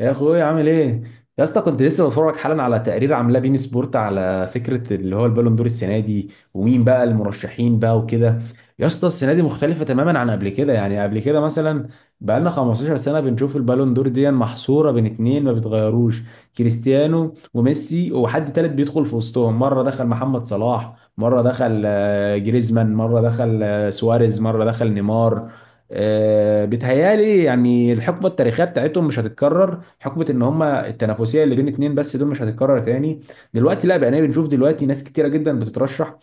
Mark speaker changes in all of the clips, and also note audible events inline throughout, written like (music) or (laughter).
Speaker 1: يا اخويا عامل ايه؟ يا اسطى كنت لسه بتفرج حالا على تقرير عاملاه بين سبورت، على فكره اللي هو البالون دور السنه دي ومين بقى المرشحين بقى وكده. يا اسطى السنه دي مختلفه تماما عن قبل كده، يعني قبل كده مثلا بقى لنا 15 سنه بنشوف البالون دور دي محصوره بين اتنين ما بيتغيروش، كريستيانو وميسي، وحد تالت بيدخل في وسطهم، مره دخل محمد صلاح، مره دخل جريزمان، مره دخل سواريز، مره دخل نيمار. بيتهيالي يعني الحقبه التاريخيه بتاعتهم مش هتتكرر، حقبه ان هما التنافسيه اللي بين اتنين بس دول مش هتتكرر تاني. دلوقتي لا، بقينا بنشوف دلوقتي ناس كتيره جدا بتترشح.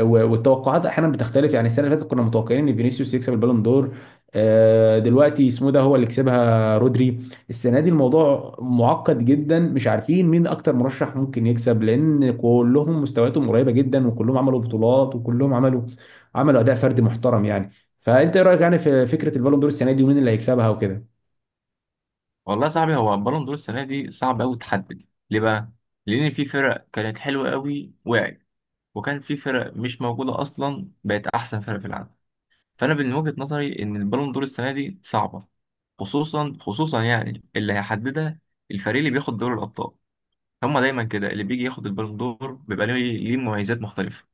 Speaker 1: والتوقعات احيانا بتختلف، يعني السنه اللي فاتت كنا متوقعين ان فينيسيوس يكسب البالون دور. دلوقتي اسمه إيه ده، هو اللي كسبها رودري. السنه دي الموضوع معقد جدا، مش عارفين مين اكتر مرشح ممكن يكسب، لان كلهم مستوياتهم قريبه جدا، وكلهم عملوا بطولات، وكلهم عملوا اداء فردي محترم يعني. فانت ايه رايك يعني في فكره البالون دور السنه دي ومين اللي هيكسبها وكده؟
Speaker 2: والله يا صاحبي، هو البالون دور السنه دي صعب قوي تحدد ليه بقى. لان في فرق كانت حلوه قوي وقعت، وكان في فرق مش موجوده اصلا بقت احسن فرق في العالم. فانا من وجهه نظري ان البالون دور السنه دي صعبه. خصوصا يعني اللي هيحددها الفريق اللي بياخد دوري الابطال. هما دايما كده اللي بيجي ياخد البالون دور بيبقى ليه، ليه مميزات مختلفه.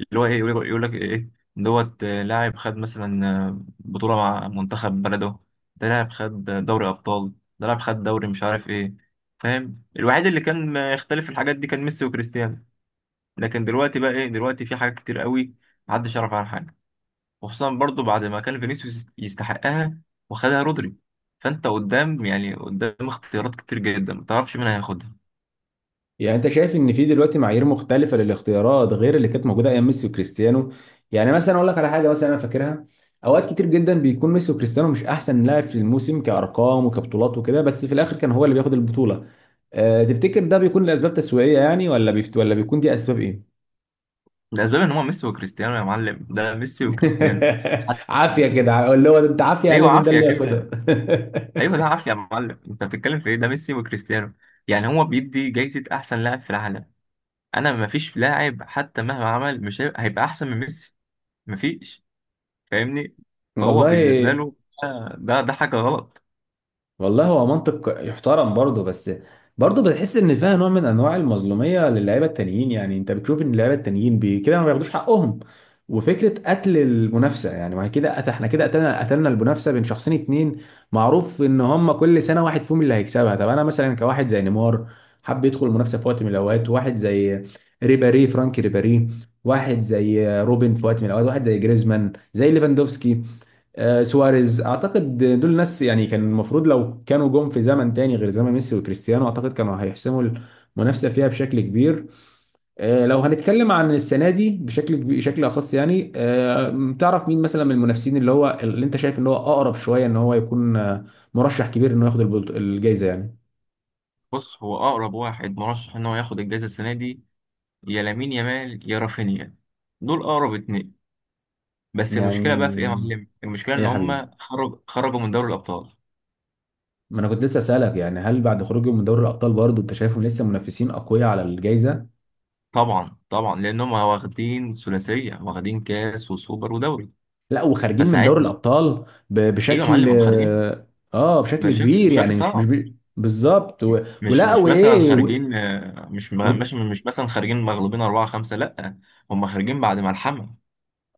Speaker 2: اللي هو ايه، يقول يقول لك ايه دوت آه، لاعب خد مثلا، بطولة مع منتخب بلده، ده لاعب خد دوري أبطال، ده لاعب خد دوري مش عارف ايه. فاهم؟ الوحيد اللي كان ما يختلف في الحاجات دي كان ميسي وكريستيانو. لكن دلوقتي بقى ايه، دلوقتي في حاجات كتير قوي محدش يعرف عنها حاجة. وخصوصا برضو بعد ما كان فينيسيوس يستحقها وخدها رودري. فانت قدام يعني قدام اختيارات كتير جدا، ما تعرفش مين هياخدها.
Speaker 1: يعني انت شايف ان في دلوقتي معايير مختلفه للاختيارات غير اللي كانت موجوده ايام ميسي وكريستيانو؟ يعني مثلا اقول لك على حاجه مثلا انا فاكرها، اوقات كتير جدا بيكون ميسي وكريستيانو مش احسن لاعب في الموسم كارقام وكبطولات وكده، بس في الاخر كان هو اللي بياخد البطوله. أه، تفتكر ده بيكون لاسباب تسويقيه يعني، ولا بيفت ولا بيكون، دي اسباب ايه؟
Speaker 2: الاسباب ان هو ميسي وكريستيانو يا معلم، ده ميسي وكريستيانو.
Speaker 1: (laughs) عافيه كده اللي هو انت عافيه
Speaker 2: ايوه
Speaker 1: لازم ده
Speaker 2: عافيه
Speaker 1: اللي ياخدها.
Speaker 2: كده. ايوه ده عافيه يا معلم، انت بتتكلم في ايه، ده ميسي وكريستيانو. يعني هو بيدي جايزه احسن لاعب في العالم. انا مفيش لاعب حتى مهما عمل مش هيبقى احسن من ميسي. مفيش. فاهمني؟
Speaker 1: (laughs)
Speaker 2: فهو
Speaker 1: والله،
Speaker 2: بالنسبه له ده حاجه غلط.
Speaker 1: والله هو منطق يحترم برضه، بس برضه بتحس ان فيها نوع من انواع المظلوميه للاعيبه التانيين، يعني انت بتشوف ان اللعيبه التانيين كده ما بياخدوش حقهم. وفكره قتل المنافسه، يعني ما هي كده احنا كده قتلنا المنافسه بين شخصين اتنين، معروف ان هم كل سنه واحد فيهم اللي هيكسبها. طب انا مثلا كواحد زي نيمار حب يدخل المنافسه في وقت من الاوقات، واحد زي ريبيري، فرانكي ريبيري، واحد زي روبن في وقت من الاوقات، واحد زي جريزمان، زي ليفاندوفسكي، سواريز، اعتقد دول ناس يعني كان المفروض لو كانوا جم في زمن تاني غير زمن ميسي وكريستيانو، اعتقد كانوا هيحسموا المنافسه فيها بشكل كبير. لو هنتكلم عن السنه دي بشكل اخص يعني، تعرف مين مثلا من المنافسين اللي هو، اللي انت شايف ان هو اقرب شويه ان هو يكون مرشح كبير انه ياخد الجائزه يعني؟
Speaker 2: بص، هو اقرب واحد مرشح ان هو ياخد الجائزه السنه دي، يا لامين يامال يا رافينيا. دول اقرب اتنين. بس المشكله بقى في ايه يا
Speaker 1: يعني
Speaker 2: معلم؟ المشكله
Speaker 1: ايه
Speaker 2: ان
Speaker 1: يا حبيبي؟
Speaker 2: هم خرجوا من دوري الابطال.
Speaker 1: ما انا كنت لسه اسالك يعني، هل بعد خروجهم من دوري الابطال برضه انت شايفهم لسه منافسين اقوياء على الجائزه؟
Speaker 2: طبعا طبعا، لان هم واخدين ثلاثيه، واخدين كاس وسوبر ودوري.
Speaker 1: لا، وخارجين من دوري
Speaker 2: فساعتها
Speaker 1: الابطال
Speaker 2: ايوه يا
Speaker 1: بشكل،
Speaker 2: معلم هم خارجين.
Speaker 1: اه بشكل
Speaker 2: بشكل
Speaker 1: كبير
Speaker 2: بشكل
Speaker 1: يعني، مش مش
Speaker 2: صعب.
Speaker 1: بي- بالظبط.
Speaker 2: مش
Speaker 1: ولا
Speaker 2: مش مثلا
Speaker 1: وايه؟
Speaker 2: خارجين، مش
Speaker 1: و...
Speaker 2: م- مش مش مثلا خارجين مغلوبين أربعة خمسة، لأ. هم خارجين بعد ملحمة.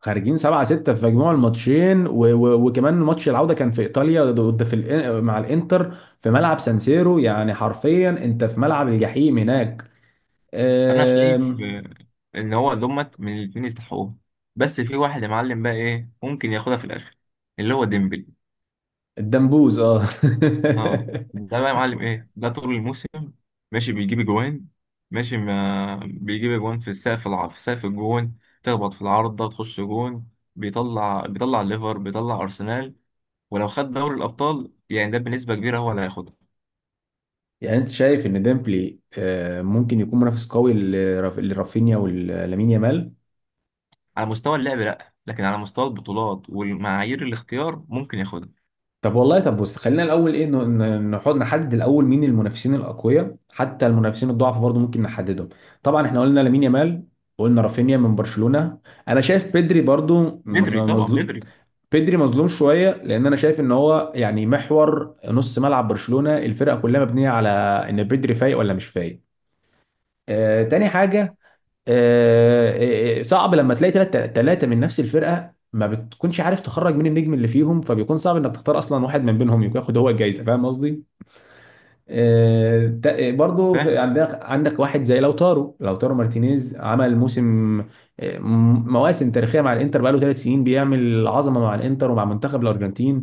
Speaker 1: خارجين 7-6 في مجموع الماتشين، وكمان ماتش العوده كان في ايطاليا، ضد في مع الانتر، في ملعب سانسيرو، يعني حرفيا انت في ملعب الجحيم هناك.
Speaker 2: فأنا شايف
Speaker 1: آم...
Speaker 2: إن هو دومت من الاتنين يستحقوها. بس في واحد يا معلم بقى، إيه ممكن ياخدها في الآخر، اللي هو ديمبلي.
Speaker 1: الدمبوز، اه.
Speaker 2: أه ده
Speaker 1: (laughs)
Speaker 2: بقى يا معلم إيه، ده طول الموسم ماشي بيجيب أجوان، ماشي ما بيجيب أجوان في السقف الع... في سقف الجون، تخبط في العارضة تخش جون. بيطلع ليفر، بيطلع أرسنال. ولو خد دوري الابطال يعني، ده بنسبه كبيره هو اللي هياخدها.
Speaker 1: يعني انت شايف ان ديمبلي ممكن يكون منافس قوي لرافينيا ولامين يامال؟
Speaker 2: على مستوى اللعب لا، لكن على مستوى البطولات والمعايير الاختيار ممكن ياخدها.
Speaker 1: طب والله، طب بص، خلينا الاول ايه نحط، نحدد الاول مين المنافسين الاقوياء، حتى المنافسين الضعف برضو ممكن نحددهم. طبعا احنا قلنا لامين يامال، قلنا رافينيا من برشلونة، انا شايف بيدري برضو،
Speaker 2: بدري
Speaker 1: يعني
Speaker 2: طبعا
Speaker 1: مظلوم.
Speaker 2: بدري.
Speaker 1: بيدري مظلوم شويه، لان انا شايف ان هو يعني محور نص ملعب برشلونه، الفرقه كلها مبنيه على ان بيدري فايق ولا مش فايق. آه، تاني حاجه، صعب لما تلاقي ثلاثة من نفس الفرقة، ما بتكونش عارف تخرج مين النجم اللي فيهم، فبيكون صعب انك تختار اصلا واحد من بينهم يكون ياخد هو الجايزة، فاهم قصدي؟ برضو
Speaker 2: فاهم.
Speaker 1: عندك، عندك واحد زي لوتارو، لوتارو مارتينيز، عمل موسم، مواسم تاريخية مع الانتر، بقاله ثلاث سنين بيعمل عظمة مع الانتر ومع منتخب الارجنتين.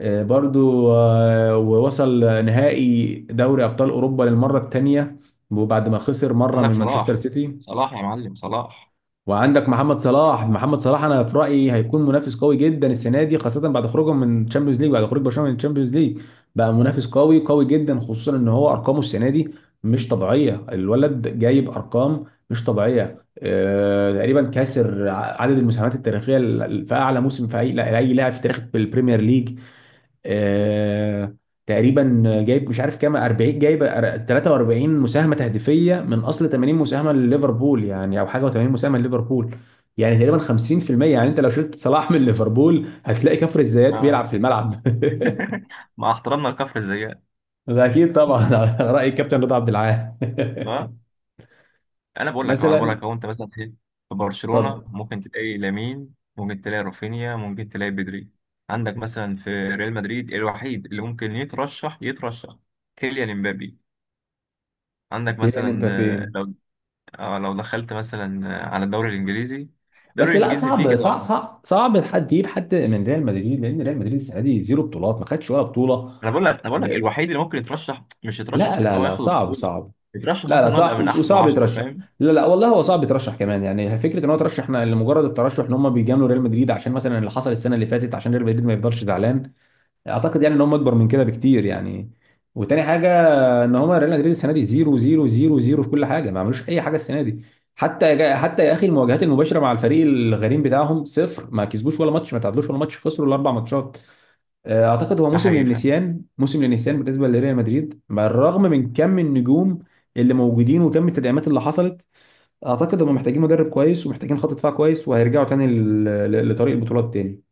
Speaker 1: برضو ووصل نهائي دوري ابطال اوروبا للمرة الثانية، وبعد ما خسر مرة
Speaker 2: عندك
Speaker 1: من مانشستر
Speaker 2: صلاح.
Speaker 1: سيتي.
Speaker 2: صلاح يا معلم صلاح.
Speaker 1: وعندك محمد صلاح، محمد صلاح انا في رايي هيكون منافس قوي جدا السنه دي، خاصه بعد خروجهم من تشامبيونز ليج، بعد خروج برشلونه من تشامبيونز ليج بقى منافس قوي قوي جدا، خصوصا ان هو ارقامه السنه دي مش طبيعيه، الولد جايب ارقام مش طبيعيه. تقريبا كاسر عدد المساهمات التاريخيه في اعلى موسم في اي لا- اي لاعب في تاريخ البريمير ليج. آه، تقريبا جايب مش عارف كام، 40 جايب، 43 مساهمه تهديفيه من اصل 80 مساهمه لليفربول يعني، او حاجه و80 مساهمه لليفربول، يعني تقريبا 50%. يعني انت لو شلت صلاح من ليفربول هتلاقي كفر الزيات بيلعب في
Speaker 2: ما-
Speaker 1: الملعب.
Speaker 2: (laughs) مع احترامنا لكفر الزيات.
Speaker 1: (laughs) ده اكيد طبعا، على راي الكابتن رضا عبد العال.
Speaker 2: ها، انا
Speaker 1: (laughs)
Speaker 2: بقول لك اهو، انا بقول
Speaker 1: مثلا،
Speaker 2: لك اهو، انت مثلا في، في برشلونه
Speaker 1: اتفضل،
Speaker 2: ممكن تلاقي لامين، ممكن تلاقي رافينيا، ممكن تلاقي بدري. عندك مثلا في ريال مدريد، الوحيد اللي ممكن يترشح يترشح كيليان امبابي. عندك
Speaker 1: كيليان
Speaker 2: مثلا،
Speaker 1: امبابي.
Speaker 2: اه، لو دخلت مثلا على الدوري الانجليزي،
Speaker 1: بس
Speaker 2: الدوري
Speaker 1: لا،
Speaker 2: الانجليزي فيه
Speaker 1: صعب
Speaker 2: كده
Speaker 1: صعب
Speaker 2: واحد.
Speaker 1: صعب صعب حد يجيب حد من ريال مدريد، لان ريال مدريد السنه دي زيرو بطولات، ما خدش ولا بطوله.
Speaker 2: انا بقول لك، انا بقول لك
Speaker 1: آه،
Speaker 2: الوحيد اللي ممكن يترشح، مش
Speaker 1: لا
Speaker 2: يترشح لان
Speaker 1: لا
Speaker 2: هو
Speaker 1: لا،
Speaker 2: ياخد
Speaker 1: صعب
Speaker 2: البطوله،
Speaker 1: صعب.
Speaker 2: يترشح
Speaker 1: لا لا،
Speaker 2: مثلا ان هو يبقى
Speaker 1: صعب
Speaker 2: من احسن
Speaker 1: وصعب
Speaker 2: 10.
Speaker 1: يترشح.
Speaker 2: فاهم.
Speaker 1: لا لا والله، هو صعب يترشح كمان، يعني فكره ان هو ترشح احنا لمجرد الترشح، ان هم بيجاملوا ريال مدريد عشان مثلا اللي حصل السنه اللي فاتت، عشان ريال مدريد ما يفضلش زعلان، اعتقد يعني ان هم اكبر من كده بكتير يعني. وتاني حاجه، فان هم ريال مدريد السنه دي 0 0 0 0 في كل حاجه، ما عملوش اي حاجه السنه دي، حتى حتى يا اخي المواجهات المباشره مع الفريق الغريم بتاعهم صفر، ما كسبوش ولا ماتش، ما تعادلوش ولا ماتش، خسروا الاربع ماتشات. اعتقد هو
Speaker 2: ده
Speaker 1: موسم
Speaker 2: حقيقي. فاهم.
Speaker 1: للنسيان، موسم للنسيان بالنسبه لريال مدريد، بالرغم من كم النجوم اللي موجودين وكم التدعيمات اللي حصلت. اعتقد هم محتاجين مدرب كويس، ومحتاجين خط دفاع كويس، وهيرجعوا تاني لطريق البطولات تاني.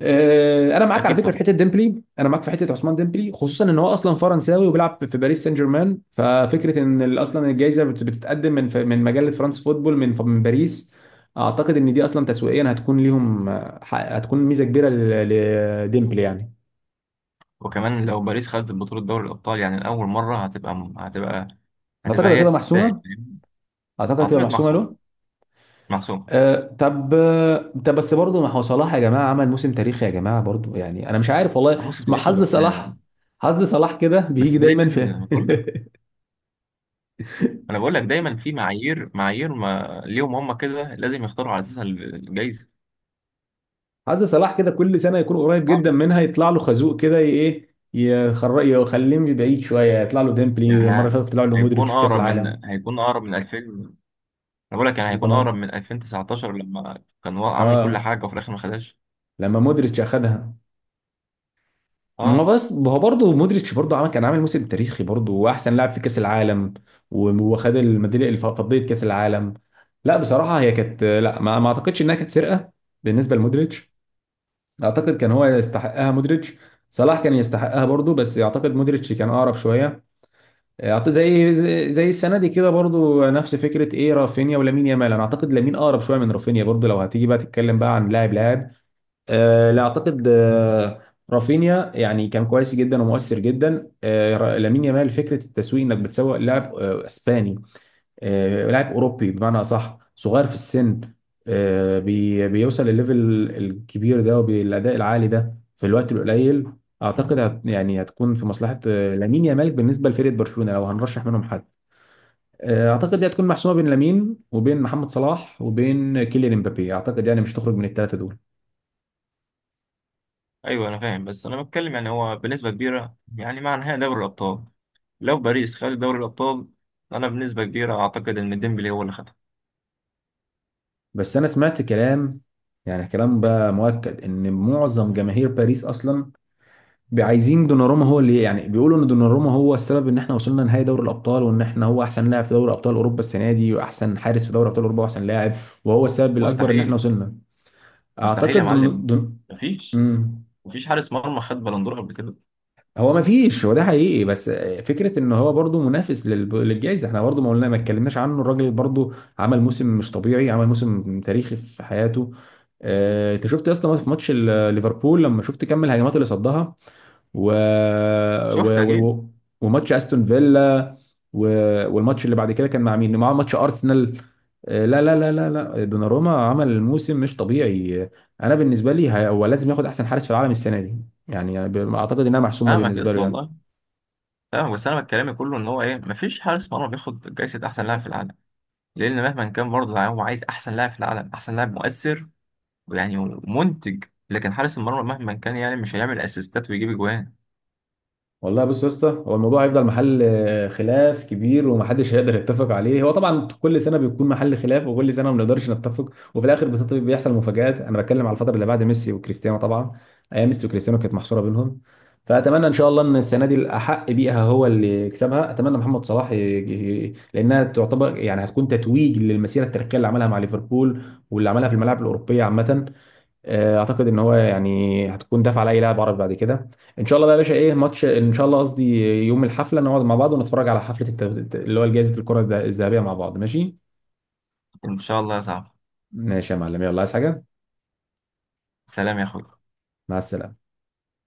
Speaker 1: انا معاك على
Speaker 2: اكيد
Speaker 1: فكره في
Speaker 2: طبعا.
Speaker 1: حته ديمبلي، انا معاك في حته عثمان ديمبلي، خصوصا ان هو اصلا فرنساوي وبيلعب في باريس سان جيرمان، ففكره ان اصلا الجائزه بتتقدم من من مجله فرانس فوتبول، من من باريس، اعتقد ان دي اصلا تسويقيا هتكون ليهم، هتكون ميزه كبيره لديمبلي يعني.
Speaker 2: وكمان لو باريس خدت بطوله دوري الابطال يعني لاول مره، هتبقى هتبقى
Speaker 1: اعتقد
Speaker 2: هتبقى هي
Speaker 1: هتبقى
Speaker 2: تستاهل.
Speaker 1: محسومه،
Speaker 2: فاهم؟
Speaker 1: اعتقد هتبقى
Speaker 2: اعتقد
Speaker 1: محسومه
Speaker 2: محسومه.
Speaker 1: له.
Speaker 2: محسومه.
Speaker 1: أه طب، طب بس برضه، ما هو صلاح يا جماعه عمل موسم تاريخي يا جماعه برضه، يعني انا مش عارف والله،
Speaker 2: موسم
Speaker 1: ما
Speaker 2: تاريخي
Speaker 1: حظ
Speaker 2: بس.
Speaker 1: صلاح، حظ صلاح كده بيجي
Speaker 2: بس
Speaker 1: دايما في...
Speaker 2: دايما بقول لك،
Speaker 1: (laughs)
Speaker 2: انا بقول لك دايما في معايير ما ليهم هم كده، لازم يختاروا على اساسها الجايزه.
Speaker 1: عايز صلاح كده كل سنه يكون قريب جدا منها، يطلع له خازوق كده، ايه، يخليه بعيد شويه، يطلع له ديمبلي، المره اللي
Speaker 2: يعني
Speaker 1: فاتت طلع له مودريتش
Speaker 2: هيكون
Speaker 1: في كاس
Speaker 2: اقرب من،
Speaker 1: العالم.
Speaker 2: هيكون اقرب من 2000، انا بقول لك، يعني هيكون اقرب
Speaker 1: تمام،
Speaker 2: من 2019 لما كان هو عامل كل
Speaker 1: اه،
Speaker 2: حاجه وفي الاخر ما خدهاش.
Speaker 1: لما مودريتش اخدها. ما
Speaker 2: اه.
Speaker 1: بس هو برضه مودريتش برضه عمل، كان عامل موسم تاريخي برضه، واحسن لاعب في كاس العالم، وخد الميداليه فضيه كاس العالم. لا بصراحه هي كانت، لا ما اعتقدش انها كانت سرقه بالنسبه لمودريتش، اعتقد كان هو يستحقها مودريتش. صلاح كان يستحقها برضه، بس اعتقد مودريتش كان اقرب شويه. اعتقد زي، زي السنه دي كده برضو، نفس فكره ايه رافينيا ولامين يامال. انا اعتقد لامين اقرب شويه من رافينيا برضو، لو هتيجي بقى تتكلم بقى عن لاعب لاعب. آه لا اعتقد، آه رافينيا يعني كان كويس جدا ومؤثر جدا. لامين يامال فكره التسويق انك بتسوق لاعب آه اسباني، لاعب اوروبي بمعنى اصح، صغير في السن، بيوصل للليفل الكبير ده وبالاداء العالي ده في الوقت القليل، اعتقد هت، يعني هتكون في مصلحه لامين يامال بالنسبه لفريق برشلونه لو هنرشح منهم حد. اعتقد دي هتكون محسومه بين لامين وبين محمد صلاح وبين كيليان امبابي، اعتقد يعني مش تخرج من الثلاثه دول.
Speaker 2: ايوه انا فاهم، بس انا بتكلم يعني هو بنسبه كبيره يعني مع نهائي دوري الابطال، لو باريس خد دوري الابطال، انا بنسبه كبيره اعتقد ان ديمبلي هو اللي خدها.
Speaker 1: بس انا سمعت كلام، يعني كلام بقى مؤكد ان معظم جماهير باريس اصلا عايزين دوناروما، هو اللي يعني بيقولوا ان دوناروما هو السبب ان احنا وصلنا نهائي دوري الابطال، وان احنا هو احسن لاعب في دوري ابطال اوروبا السنه دي، واحسن حارس في دوري ابطال اوروبا، واحسن لاعب، وهو السبب الاكبر ان احنا
Speaker 2: مستحيل.
Speaker 1: وصلنا.
Speaker 2: مستحيل يا
Speaker 1: اعتقد
Speaker 2: معلم. مفيش.
Speaker 1: مم.
Speaker 2: مفيش حارس مرمى خد بلندور قبل كده.
Speaker 1: هو ما فيش، هو ده حقيقي، بس فكره ان هو برضو منافس للجائزه، احنا برضو ما قلنا، ما اتكلمناش عنه، الراجل برضو عمل موسم مش طبيعي، عمل موسم تاريخي في حياته. انت شفت يا اسطى في ماتش ليفربول لما شفت كم الهجمات اللي صدها، و...
Speaker 2: شفت
Speaker 1: و...
Speaker 2: اكيد.
Speaker 1: و... وماتش استون فيلا، و... والماتش اللي بعد كده كان مع مين؟ معاه ماتش ارسنال. لا لا لا لا لا، دوناروما عمل موسم مش طبيعي. انا بالنسبه لي هو لازم ياخد احسن حارس في العالم السنه دي، يعني اعتقد انها محسومه
Speaker 2: فاهمك،
Speaker 1: بالنسبه
Speaker 2: قلت
Speaker 1: له يعني.
Speaker 2: والله. فاهمك بس انا كلامي كله ان هو ايه، مفيش حارس مرمى بياخد جايزه احسن لاعب في العالم. لان مهما كان برضه يعني هو عايز احسن لاعب في العالم، احسن لاعب مؤثر ويعني منتج. لكن حارس المرمى مهما كان يعني مش هيعمل اسيستات ويجيب اجوان.
Speaker 1: والله بص يا اسطى، هو الموضوع هيفضل محل خلاف كبير ومحدش هيقدر يتفق عليه، هو طبعا كل سنه بيكون محل خلاف، وكل سنه ما بنقدرش نتفق، وفي الاخر بس بيحصل مفاجآت. انا بتكلم على الفتره اللي بعد ميسي وكريستيانو طبعا، ايام ميسي وكريستيانو كانت محصوره بينهم. فاتمنى ان شاء الله ان السنه دي الاحق بيها هو اللي يكسبها، اتمنى محمد صلاح لانها تعتبر يعني هتكون تتويج للمسيره التاريخيه اللي عملها مع ليفربول، واللي عملها في الملاعب الاوروبيه عامه. اعتقد ان هو يعني هتكون دافع على اي لاعب عربي بعد كده. ان شاء الله بقى يا باشا، ايه ماتش ان شاء الله قصدي، يوم الحفله نقعد مع بعض ونتفرج على حفله اللي هو جائزه الكره الذهبيه مع بعض، ماشي؟
Speaker 2: ان شاء الله يا صاحبي.
Speaker 1: ماشي يا معلم، يلا، عايز حاجه؟
Speaker 2: سلام يا اخوي.
Speaker 1: مع السلامه.